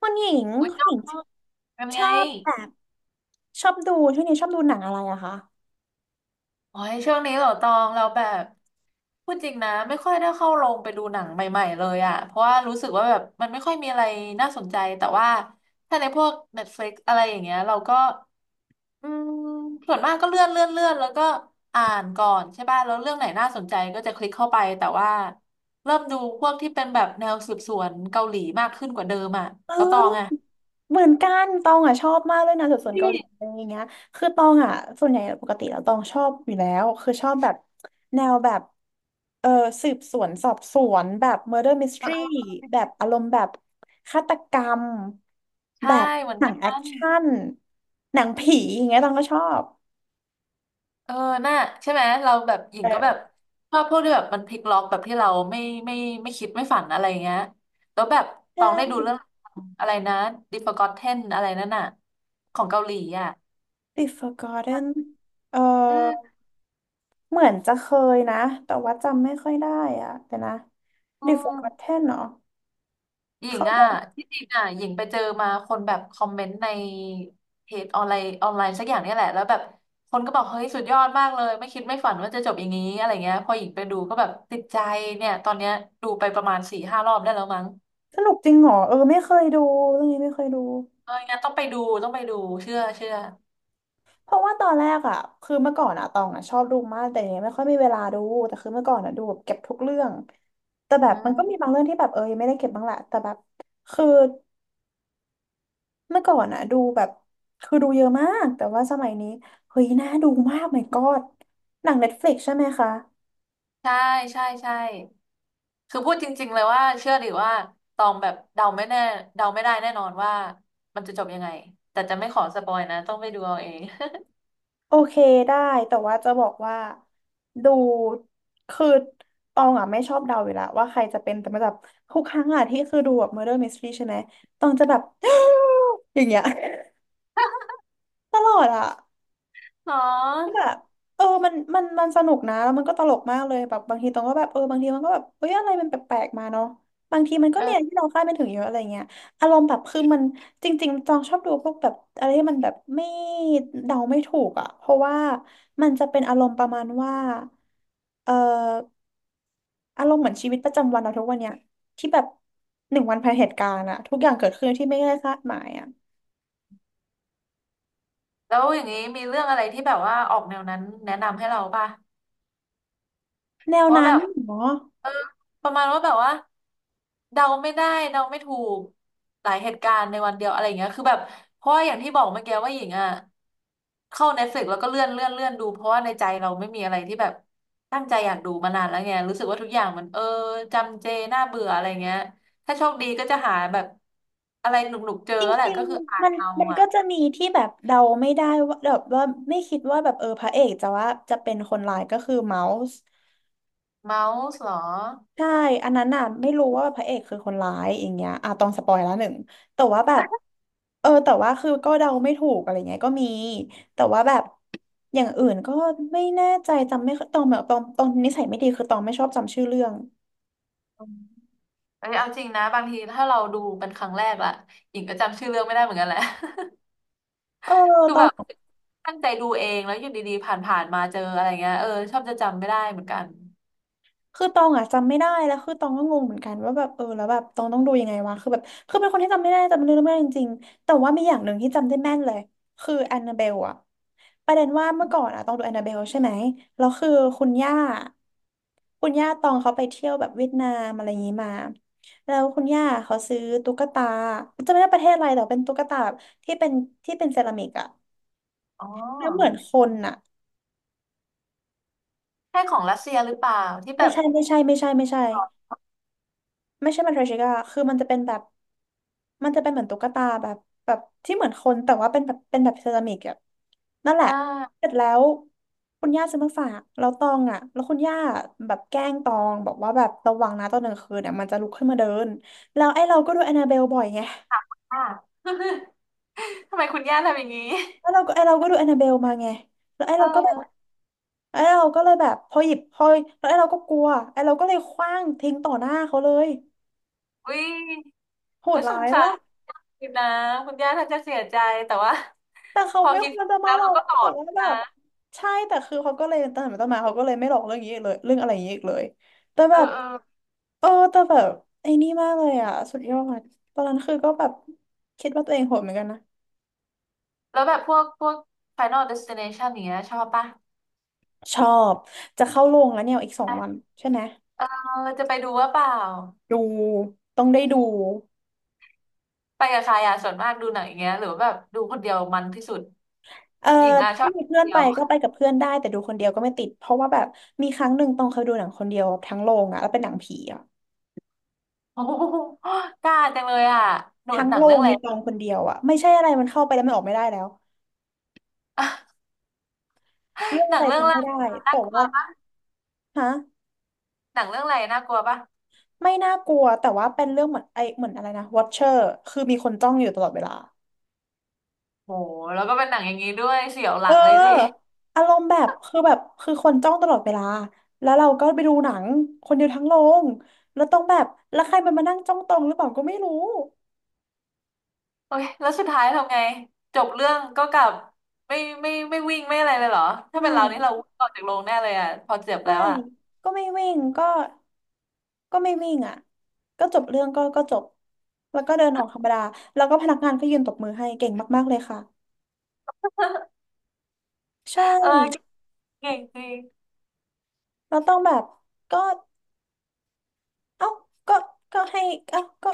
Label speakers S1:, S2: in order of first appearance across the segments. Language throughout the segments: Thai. S1: คุณหญิง
S2: โอ้ย
S1: คุณ
S2: อ
S1: ห
S2: ง
S1: ญิง
S2: เป็น
S1: ช
S2: ไง
S1: อบแบบชอบดูช่วงนี้ชอบดูหนังอะไรอะคะ
S2: โอ้ยช่วงนี้เหรอตองเราแบบพูดจริงนะไม่ค่อยได้เข้าโรงไปดูหนังใหม่ๆเลยอะเพราะว่ารู้สึกว่าแบบมันไม่ค่อยมีอะไรน่าสนใจแต่ว่าถ้าในพวก Netflix อะไรอย่างเงี้ยเราก็อืมส่วนมากก็เลื่อนแล้วก็อ่านก่อนใช่ป่ะแล้วเรื่องไหนน่าสนใจก็จะคลิกเข้าไปแต่ว่าเริ่มดูพวกที่เป็นแบบแนวสืบสวนเกาหลีมากขึ้นกว่าเดิมอะ
S1: เอ
S2: แล้วตอง
S1: อ
S2: อะ
S1: เหมือนกันตองอะชอบมากเลยนะสืบสวนเกาหลี
S2: ใช่
S1: อะไรอย่างเงี้ยคือตองอะส่วนใหญ่ปกติแล้วตองชอบอยู่แล้วคือชอบแบบแนวแบบเออสืบสวนสอบสวนแบบ murder
S2: เออ
S1: mystery
S2: เออ
S1: แบบอารมณ์แบบฆาตกรรมแบ
S2: ใช่
S1: บ
S2: เหมือน
S1: หนั
S2: กั
S1: งแอค
S2: น
S1: ชั่นหนังผีอย่างเงี้ยตองก็ชอบ
S2: เออน่าใช่ไหมเราแบบหญิ
S1: เอ
S2: งก็แบบ
S1: อ
S2: ชอบพวกที่แบบมันพลิกล็อกแบบที่เราไม่ไม่คิดไม่ฝันอะไรเงี้ยแล้วแบบต
S1: ใช่
S2: องได้ดูเรื่องอะไรนะ The Forgotten อะไรนั่นน่ะของเกาหลีอ่ะ
S1: b e Forgotten เอ
S2: อื
S1: อ
S2: ม
S1: เหมือนจะเคยนะแต่ว่าจำไม่ค่อยได้อะแต่นะ
S2: อื
S1: The
S2: ม
S1: Forgotten เนาะ
S2: หญิง
S1: เขาบ
S2: อ่ะ
S1: อก
S2: ที่จริงอ่ะหญิงไปเจอมาคนแบบคอมเมนต์ในเพจออนไลน์สักอย่างเนี่ยแหละแล้วแบบคนก็บอกเฮ้ยสุดยอดมากเลยไม่คิดไม่ฝันว่าจะจบอย่างนี้อะไรเงี้ยพอหญิงไปดูก็แบบติดใจเนี่ยตอนเนี้ยดูไปประมาณสี่ห้ารอบได้แล้วมั้ง
S1: สนุกจริงเหรอเออไม่เคยดูเรื่องนี้ไม่เคยดู
S2: เอองั้นต้องไปดูเชื่อ
S1: เพราะว่าตอนแรกอะคือเมื่อก่อนอะตองอะชอบดูมากแต่เนี้ยไม่ค่อยมีเวลาดูแต่คือเมื่อก่อนอะดูแบบเก็บทุกเรื่องแต่แบ
S2: อื
S1: บมันก็มี
S2: ม
S1: บางเรื่องที่แบบเออยังไม่ได้เก็บบ้างแหละแต่แบบคือเมื่อก่อนอะดูแบบคือดูเยอะมากแต่ว่าสมัยนี้เฮ้ยน่าดูมาก my god หนัง Netflix ใช่ไหมคะ
S2: ใช่ใช่คือพูดจริงๆเลยว่าเชื่อหรือว่าตองแบบเดาไม่แน่เดาไม่ได้แน่นอนว่ามันจะจบยังไงแต่จะไม่ขอสปอยนะต้องไปดูเอาเอง
S1: โอเคได้แต่ว่าจะบอกว่าดูคือตองอ่ะไม่ชอบเดาอยู่แล้วว่าใครจะเป็นแต่มันแบบทุกครั้งอ่ะที่คือดูแบบ Murder Mystery ใช่ไหมตองจะแบบ อย่างเงี้ย ตลอดอ่ะ
S2: เนา
S1: ก็แบ
S2: ะ
S1: บเออมันสนุกนะแล้วมันก็ตลกมากเลยแบบบางทีตรงก็แบบเออบางทีมันก็แบบเอ้ยอะไรมันแปลกๆมาเนาะบางทีมันก็
S2: เออ
S1: มีอะไรที่เราคาดไม่ถึงเยอะอะไรเงี้ยอารมณ์แบบคือมันจริงๆจองชอบดูพวกแบบอะไรที่มันแบบไม่เดาไม่ถูกอ่ะเพราะว่ามันจะเป็นอารมณ์ประมาณว่าเอ่ออารมณ์เหมือนชีวิตประจำวันเราทุกวันเนี้ยที่แบบหนึ่งวันภายเหตุการณ์อะทุกอย่างเกิดขึ้นที่ไม่ได้คาดหมายอะ
S2: แล้วอย่างนี้มีเรื่องอะไรที่แบบว่าออกแนวนั้นแนะนำให้เราป่ะ
S1: แนว
S2: เพราะว่า
S1: นั้
S2: แบ
S1: น
S2: บ
S1: เหรอ
S2: เออประมาณว่าแบบว่าเดาไม่ได้เดาไม่ถูกหลายเหตุการณ์ในวันเดียวอะไรอย่างเงี้ยคือแบบเพราะว่าอย่างที่บอกเมื่อกี้ว่าหญิงอ่ะเข้า Netflix แล้วก็เลื่อนดูเพราะว่าในใจเราไม่มีอะไรที่แบบตั้งใจอยากดูมานานแล้วไงรู้สึกว่าทุกอย่างมันจำเจน่าเบื่ออะไรเงี้ยถ้าโชคดีก็จะหาแบบอะไรหนุกๆเจอ
S1: จ
S2: แหละ
S1: ริง
S2: ก็คืออ่า
S1: ๆ
S2: น
S1: มัน
S2: เอา
S1: มัน
S2: อ่ะ
S1: ก็จะมีที่แบบเดาไม่ได้ว่าแบบว่าไม่คิดว่าแบบเออพระเอกจะว่าจะเป็นคนร้ายก็คือเมาส์
S2: เมาส์เหรอ
S1: ใช่อันนั้นน่ะไม่รู้ว่าพระเอกคือคนร้ายอย่างเงี้ยอ่ะต้องสปอยแล้วหนึ่งแต่ว่าแบบเออแต่ว่าคือก็เดาไม่ถูกอะไรเงี้ยก็มีแต่ว่าแบบอย่างอื่นก็ไม่แน่ใจจำไม่ค่อยตองแบบตองนิสัยไม่ดีคือตองไม่ชอบจำชื่อเรื่อง
S2: เอ้ยเอาจริงนะบางทีถ้าเราดูเป็นครั้งแรกล่ะหญิงก็จำชื่อเรื่องไม่ได้เหมือนกันแหละ
S1: เออ
S2: คือ
S1: ตอ
S2: แบ
S1: ง
S2: บตั้งใจดูเองแล้วอยู่ดีๆผ่านๆมาเจออะไรเงี้ยเออชอบจะจำไม่ได้เหมือนกัน
S1: คือตองอ่ะจำไม่ได้แล้วคือตองก็งงเหมือนกันว่าแบบเออแล้วแบบตองต้องดูยังไงวะคือแบบคือเป็นคนที่จำไม่ได้จำเรื่องไม่ได้จริงๆแต่ว่ามีอย่างหนึ่งที่จำได้แม่นเลยคือแอนนาเบลอะประเด็นว่าเมื่อก่อนอะตองดูแอนนาเบลใช่ไหมแล้วคือคุณย่าคุณย่าตองเขาไปเที่ยวแบบเวียดนามอะไรอย่างนี้มาแล้วคุณย่าเขาซื้อตุ๊กตาจำไม่ได้ประเทศอะไรแต่เป็นตุ๊กตาแบบที่เป็นที่เป็นเซรามิกอะ
S2: อ๋อ
S1: แล้วเหมือนคนอะ
S2: ใช่ของรัสเซียหรือเปล่าที่แบ
S1: ไม่
S2: บ
S1: ใช่ไม่ใช่ไม่ใช่ไม่ใช่ ไม่ใช่มันเทรชิก้าคือมันจะเป็นแบบมันจะเป็นเหมือนตุ๊กตาแบบแบบที่เหมือนคนแต่ว่าเป็นแบบเซรามิกอะนั่นแห
S2: อ่
S1: ละเส
S2: า
S1: ร็จแล้วคุณย่าซื้อมาฝากแล้วตองอะแล้วคุณย่าแบบแกล้งตองบอกว่าแบบระวังนะตอนกลางคืนเนี่ยมันจะลุกขึ้นมาเดินแล้วไอ้เราก็ดูแอนนาเบลบ่อยไง
S2: อ่า ทำไมคุณย่าทำอย่างนี้
S1: แล้วเราก็ไอ้เราก็ดูแอนนาเบลมาไงแล้วไอ้
S2: เอ
S1: เราก็แบบ
S2: อ
S1: ไอ้เราก็เลยแบบพอหยิบพอแล้วไอ้เราก็กลัวไอ้เราก็เลยขว้างทิ้งต่อหน้าเขาเลย
S2: อุ้ย
S1: โห
S2: โอ้
S1: ด
S2: ยส
S1: ร้า
S2: ง
S1: ย
S2: สา
S1: ปะ
S2: รคุณนะคุณย่าท่านจะเสียใจแต่ว่า
S1: แต่เขา
S2: พอ
S1: ไม่
S2: คิ
S1: ค
S2: ด
S1: วรจะมา
S2: แล้ว
S1: หลอ
S2: เรา
S1: ก
S2: ก็สอ
S1: บอก
S2: น
S1: ว่าแบ
S2: นะ
S1: บใช่แต่คือเขาก็เลยตั้งแต่ต้นมาเขาก็เลยไม่หลอกเรื่องนี้อีกเลยเรื่องอะไรอย่างนี้อีกเลยแต่
S2: เอ
S1: แบ
S2: อ
S1: บ
S2: เออ
S1: เออแต่แบบไอ้นี่มากเลยอ่ะสุดยอดตอนนั้นคือก็แบบคิดว่าตัวเองโหดเหมือนกันนะ
S2: แล้วแบบพวก Final Destination อย่างเงี้ยชอบปะ
S1: ชอบจะเข้าโรงแล้วเนี่ยอีกสองวันใช่ไหม
S2: เออจะไปดูว่าเปล่า
S1: ดูต้องได้ดู
S2: ไปกับใครอ่ะส่วนมากดูหนังอย่างเงี้ยหรือว่าแบบดูคนเดียวมันที่สุด
S1: เออ
S2: หญิงอ่ะช
S1: ถ้า
S2: อบ
S1: มี
S2: ค
S1: เพื่
S2: น
S1: อน
S2: เดี
S1: ไป
S2: ยว
S1: ก็ไปกับเพื่อนได้แต่ดูคนเดียวก็ไม่ติดเพราะว่าแบบมีครั้งหนึ่งตองเคยดูหนังคนเดียวทั้งโรงอ่ะแล้วเป็นหนังผีอ่ะ
S2: โอ้โหกล้าจังเลยอ่ะหนู
S1: ทั้ง
S2: หนั
S1: โร
S2: งเรื่อ
S1: ง
S2: งอะไร
S1: มีตองคนเดียวอ่ะไม่ใช่อะไรมันเข้าไปแล้วมันออกไม่ได้แล้ว เรื่อง
S2: หนั
S1: อะ
S2: ง
S1: ไร
S2: เรื่องอะ
S1: จำ
S2: ไร
S1: ไม่ได้
S2: อะน่า
S1: แต่
S2: กลัว
S1: ว่าฮะ
S2: หนังเรื่องอะไรน่ากลัวปะ
S1: ไม่น่ากลัวแต่ว่าเป็นเรื่องเหมือนไอเหมือนอะไรนะ Watcher คือมีคนจ้องอยู่ตลอดเวลา
S2: โหแล้วก็เป็นหนังอย่างนี้ด้วยเสียวหลั
S1: เ
S2: งเลยดิ
S1: อออารมณ์แบบคือคนจ้องตลอดเวลาแล้วเราก็ไปดูหนังคนเดียวทั้งโรงแล้วต้องแบบแล้วใครมันมานั่งจ้องตรงหรือเปล่าก็ไม่รู้
S2: โอ้ยแล้วสุดท้ายทำไงจบเรื่องก็กลับไม่ไม่วิ่งไม่อะไรเลยเหรอถ้า
S1: ไม่
S2: เป็นเรานี่เราวิ่งออกจากโรงแน่เลยอ่ะพอเจ็บแล้
S1: ไม่
S2: วอ่ะ
S1: ก็ไม่วิ่งก็ไม่วิ่งอ่ะก็จบเรื่องก็จบแล้วก็เดินออกธรรมดาแล้วก็พนักงานก็ยืนตบมือให้เก่งมากๆเลยค่ะใช่
S2: เออเก่งจริง
S1: เราต้องแบบก็เอ้าก็ก็ให้เอ้าก็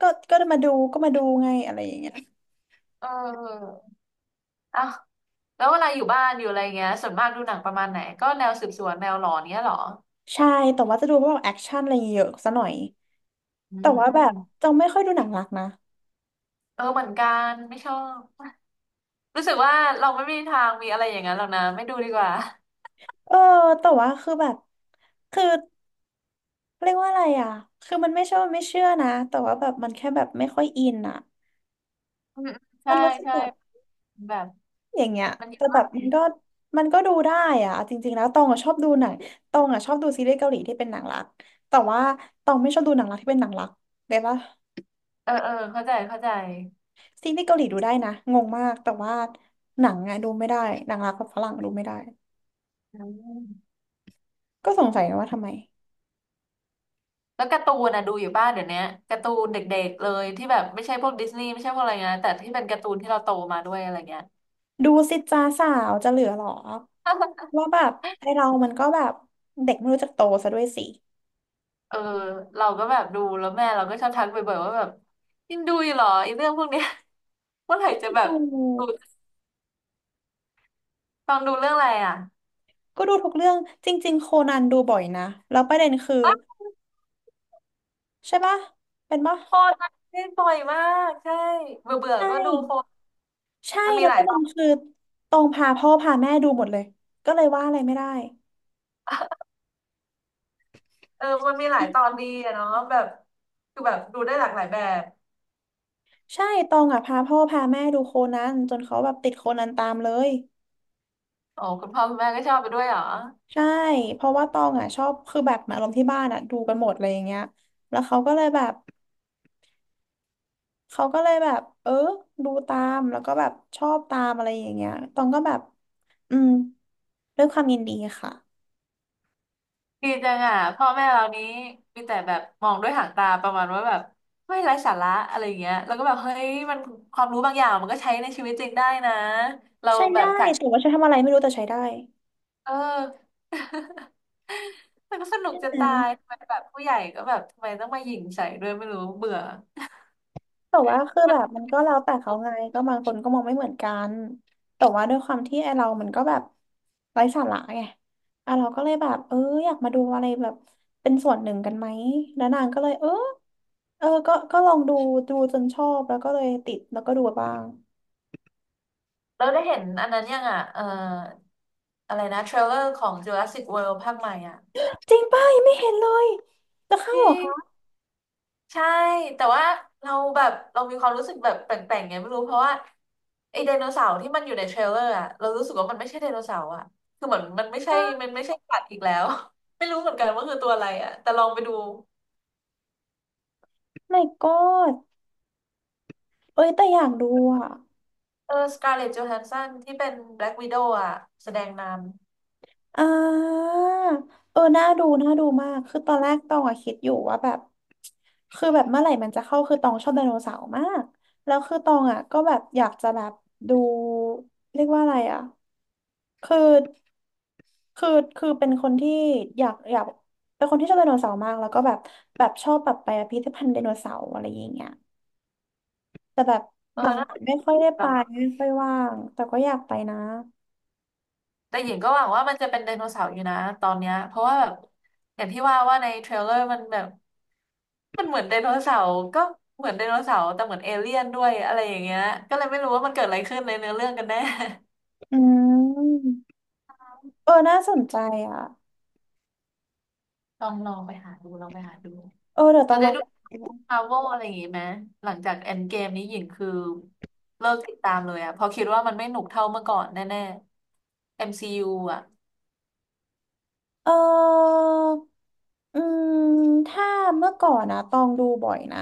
S1: ก็ก็มาดูก็มาดูไงอะไรอย่างเงี้ย
S2: เอออ่ะ แล้วเวลาอยู่บ้านอยู่อะไรเงี้ยส่วนมากดูหนังประมาณไหนก็แนวสืบสวนแนวหลอนเงี้ยเหรอ
S1: ใช่แต่ว่าจะดูพวกแอคชั่นอะไรเยอะซะหน่อย
S2: อื
S1: แต่ว่าแบบ
S2: ม
S1: จะไม่ค่อยดูหนังรักนะ
S2: เออเหมือนกันไม่ชอบรู้สึกว่าเราไม่มีทางมีอะไรอย่างนั้นหรอกนะไม่ดูดีกว่า
S1: เออแต่ว่าคือแบบคือเรียกว่าอะไรอ่ะคือมันไม่ใช่ว่าไม่เชื่อนะแต่ว่าแบบมันแค่แบบไม่ค่อยอินอ่ะ
S2: อืมๆ
S1: มั
S2: ใช่
S1: นรู้สึก
S2: ใช่
S1: แบบ
S2: แบบ
S1: อย่างเงี้ย
S2: มันเย
S1: แต่
S2: อะ
S1: แบ
S2: มาก
S1: บมันก็ดูได้อ่ะเอาจริงๆแล้วตองอ่ะชอบดูหนังตองอ่ะชอบดูซีรีส์เกาหลีที่เป็นหนังรักแต่ว่าตองไม่ชอบดูหนังรักที่เป็นหนังรักเลยปะ
S2: เออเข้าใจ
S1: ซีรีส์เกาหลีดูได้นะงงมาก แต่ว่าหนังอะดูไม่ได้หนังรักกับฝรั่งดูไม่ได้
S2: อืม
S1: ก็สงสัยว่าทำไม
S2: แล้วการ์ตูนนะดูอยู่บ้านเดี๋ยวนี้การ์ตูนเด็กๆเลยที่แบบไม่ใช่พวกดิสนีย์ไม่ใช่พวกอะไรเงี้ยแต่ที่เป็นการ์ตูนที่เราโตมาด้วยอะไรเงี้ย
S1: ดูสิจ้าสาวจะเหลือหรอว่าแบบไอเรามันก็แบบเด็กไม่รู้จักโตซะด้วยสิ
S2: เออเราก็แบบดูแล้วแม่เราก็ชอบทักบ่อยๆว่าแบบยังดูอยู่เหรอไอ้เรื่องพวกเนี้ย เมื่อไหร่จะแบ
S1: ด
S2: บดู
S1: ู
S2: ตองดูเรื่องอะไรอ่ะ
S1: ก็ดูทุกเรื่อง จริงๆโคนันดูบ่อยนะ แล้วประเด็นคือ
S2: อ่ะ
S1: ใช่ปะเป็นปะ
S2: โฟนเล่นบ่อยมากใช่เบื่อเบื่อ
S1: ใช่
S2: ก็ดูโฟน
S1: ใช่
S2: มันมี
S1: แล้ว
S2: หลา
S1: ป
S2: ย
S1: ระ
S2: ต
S1: เด็
S2: อ
S1: น
S2: น
S1: คือตองพาพ่อพาแม่ดูหมดเลยก็เลยว่าอะไรไม่ได้
S2: เออมันมีหลายตอนดีอะเนาะแบบคือแบบดูได้หลากหลายแบบ
S1: ใช่ตองอ่ะพาพ่อพาแม่ดูโคนันจนเขาแบบติดโคนันตามเลย
S2: อ๋อคุณพ่อคุณแม่ก็ชอบไปด้วยเหรอ
S1: ใช่ เพราะว่าตองอ่ะชอบคือแบบเหมือนอารมณ์ที่บ้านอ่ะดูกันหมดอะไรอย่างเงี้ยแล้วเขาก็เลยแบบเขาก็เลยแบบเออดูตามแล้วก็แบบชอบตามอะไรอย่างเงี้ยตองก็แบบอืมด้วยความยินดีค่ะ
S2: ดีจังอ่ะพ่อแม่เรานี้มีแต่แบบมองด้วยหางตาประมาณว่าแบบไม่ไร้สาระอะไรอย่างเงี้ยแล้วก็แบบเฮ้ยมันความรู้บางอย่างมันก็ใช้ในชีวิตจริงได้นะเรา
S1: ใช้
S2: แบ
S1: ได้
S2: บจาก
S1: แต่ว่าใช้ทำอะไรไม่รู้แต่ใช้ได้
S2: เออ มันก็สนุกจะตายทำไมแบบผู้ใหญ่ก็แบบทำไมต้องมาหยิ่งใส่ด้วยไม่รู้เบื่อ
S1: แต่ว่าคือ
S2: มั
S1: แบ
S2: น
S1: บมันก็แล้วแต่เขาไงก็บางคนก็มองไม่เหมือนกันแต่ว่าด้วยความที่ไอเรามันก็แบบไร้สาระไงอ่ะเราก็เลยแบบเอออยากมาดูอะไรแบบเป็นส่วนหนึ่งกันไหมแล้วนางก็เลยเออเออก็ลองดูดูจนชอบแล้วก็เลยติดแล้วก็ดูบ้าง
S2: เราได้เห็นอันนั้นยังอ่ะอะไรนะเทรลเลอร์ของ Jurassic World ภาคใหม่อ่ะ
S1: จริงป่ะยังไม่เห็นเลยจะเข้า
S2: จ
S1: เหร
S2: ริ
S1: อ
S2: ง
S1: คะ
S2: ใช่แต่ว่าเราแบบเรามีความรู้สึกแบบแปลกๆไงไม่รู้เพราะว่าไอไดโนเสาร์ที่มันอยู่ในเทรลเลอร์อะเรารู้สึกว่ามันไม่ใช่ไดโนเสาร์อะคือเหมือน
S1: Oh
S2: มันไม่ใช่สัตว์อีกแล้ว ไม่รู้เหมือนกันว่าคือตัวอะไรอะแต่ลองไปดู
S1: My God เอ้ยแต่อยากดูอ่ะ
S2: เออสการ์เลตโจแฮนสันที่เป็นแบล็กวิโดวอะแสดงน
S1: อ่าเออน่าดูน่าดูมากคือตอนแรกตองอะคิดอยู่ว่าแบบคือแบบเมื่อไหร่มันจะเข้าคือตองชอบไดโนเสาร์มากแล้วคือตองอะก็แบบอยากจะแบบดูเรียกว่าอะไรอะคือคือคือเป็นคนที่อยากเป็นคนที่ชอบไดโนเสาร์มากแล้วก็แบบแบบชอบแบบไปพิพิธภัณฑ์ไดโนเสาร์อะไรอย่างเงี้ยแต่แบบ
S2: ำเอ
S1: ห
S2: อ
S1: ลัง
S2: นั่นแหละ
S1: ๆไม่ค่อยได้
S2: แต่
S1: ไป
S2: ว่
S1: ไม่ค่อยว่างแต่ก็อยากไปนะ
S2: แต่หญิงก็หวังว่ามันจะเป็นไดโนเสาร์อยู่นะตอนเนี้ยเพราะว่าแบบอย่างที่ว่าว่าในเทรลเลอร์มันแบบ มันเหมือนไดโนเสาร์ก็เหมือนไดโนเสาร์แต่เหมือนเอเลี่ยนด้วยอะไรอย่างเงี้ยก็เลยไม่รู้ว่ามันเกิดอะไรขึ้นในเนื้อเรื่องกันแน่
S1: อืมเออน่าสนใจอ่ะ
S2: ลองลองไปหาดู
S1: เออเดี๋ยว
S2: เรา
S1: ต้องล
S2: ได้
S1: อง
S2: ดู
S1: ดู
S2: มาร์วอะไรอย่างงี้ไหมหลังจาก Endgame นี้หญิงคือเลิกติดตามเลยอะเพราะคิดว่ามันไม่หนุกเท่าเมื่อก่อนแน่ๆ MCU อมซียูอะ
S1: เอออืมถ้าเมื่อก่อนนะตองดูบ่อยนะ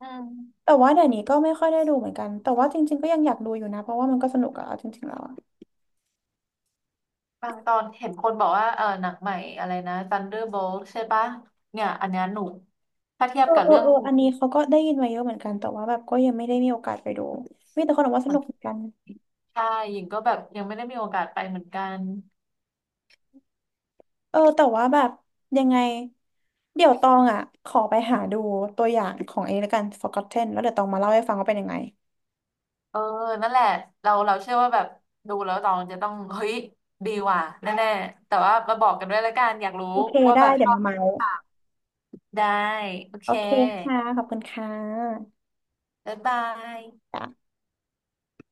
S2: อืม
S1: แต่ว่าเดี๋ยวนี้ก็ไม่ค่อยได้ดูเหมือนกันแต่ว่าจริงๆก็ยังอยากดูอยู่นะเพราะว่ามันก็สนุกอะเอาจริงๆแล้วอะ
S2: บางตอนเห็นคนบอกว่าเออหนังใหม่อะไรนะ Thunderbolt ใช่ปะเนี่ยอันเนี้ยหนุกถ้าเทีย
S1: เอ
S2: บ
S1: อ
S2: กับ
S1: เออ
S2: เรื่อง
S1: เอออันนี้เขาก็ได้ยินมาเยอะเหมือนกันแต่ว่าแบบก็ยังไม่ได้มีโอกาสไปดูมีแต่คนบอกว่า
S2: ข
S1: ส
S2: อ
S1: นุกเหมื
S2: ง
S1: อนกัน
S2: ชายหญิงก็แบบยังไม่ได้มีโอกาสไปเหมือนกัน
S1: เออแต่ว่าแบบยังไงเดี๋ยวตองอ่ะขอไปหาดูตัวอย่างของไอ้นี่แล้วกัน Forgotten แล้วเดี๋ยวตองมาเล่าให้ฟังว่าเป็นยังไง
S2: เออ นั่นแหละ เราเชื่อว่าแบบดูแล้วตองจะต้องเฮ้ยดีว่ะแน่ๆแต่ว่ามาบอกกันด้วยละกันอยากรู้
S1: โอเค
S2: ว่า
S1: ได้
S2: แบบช
S1: เดี๋ยว
S2: อบ
S1: มาเมา
S2: หรือเปล่าได้โอ
S1: โอ
S2: เค
S1: เคค่ะขอบคุณค่ะ
S2: บ๊ายบาย
S1: จ้ะ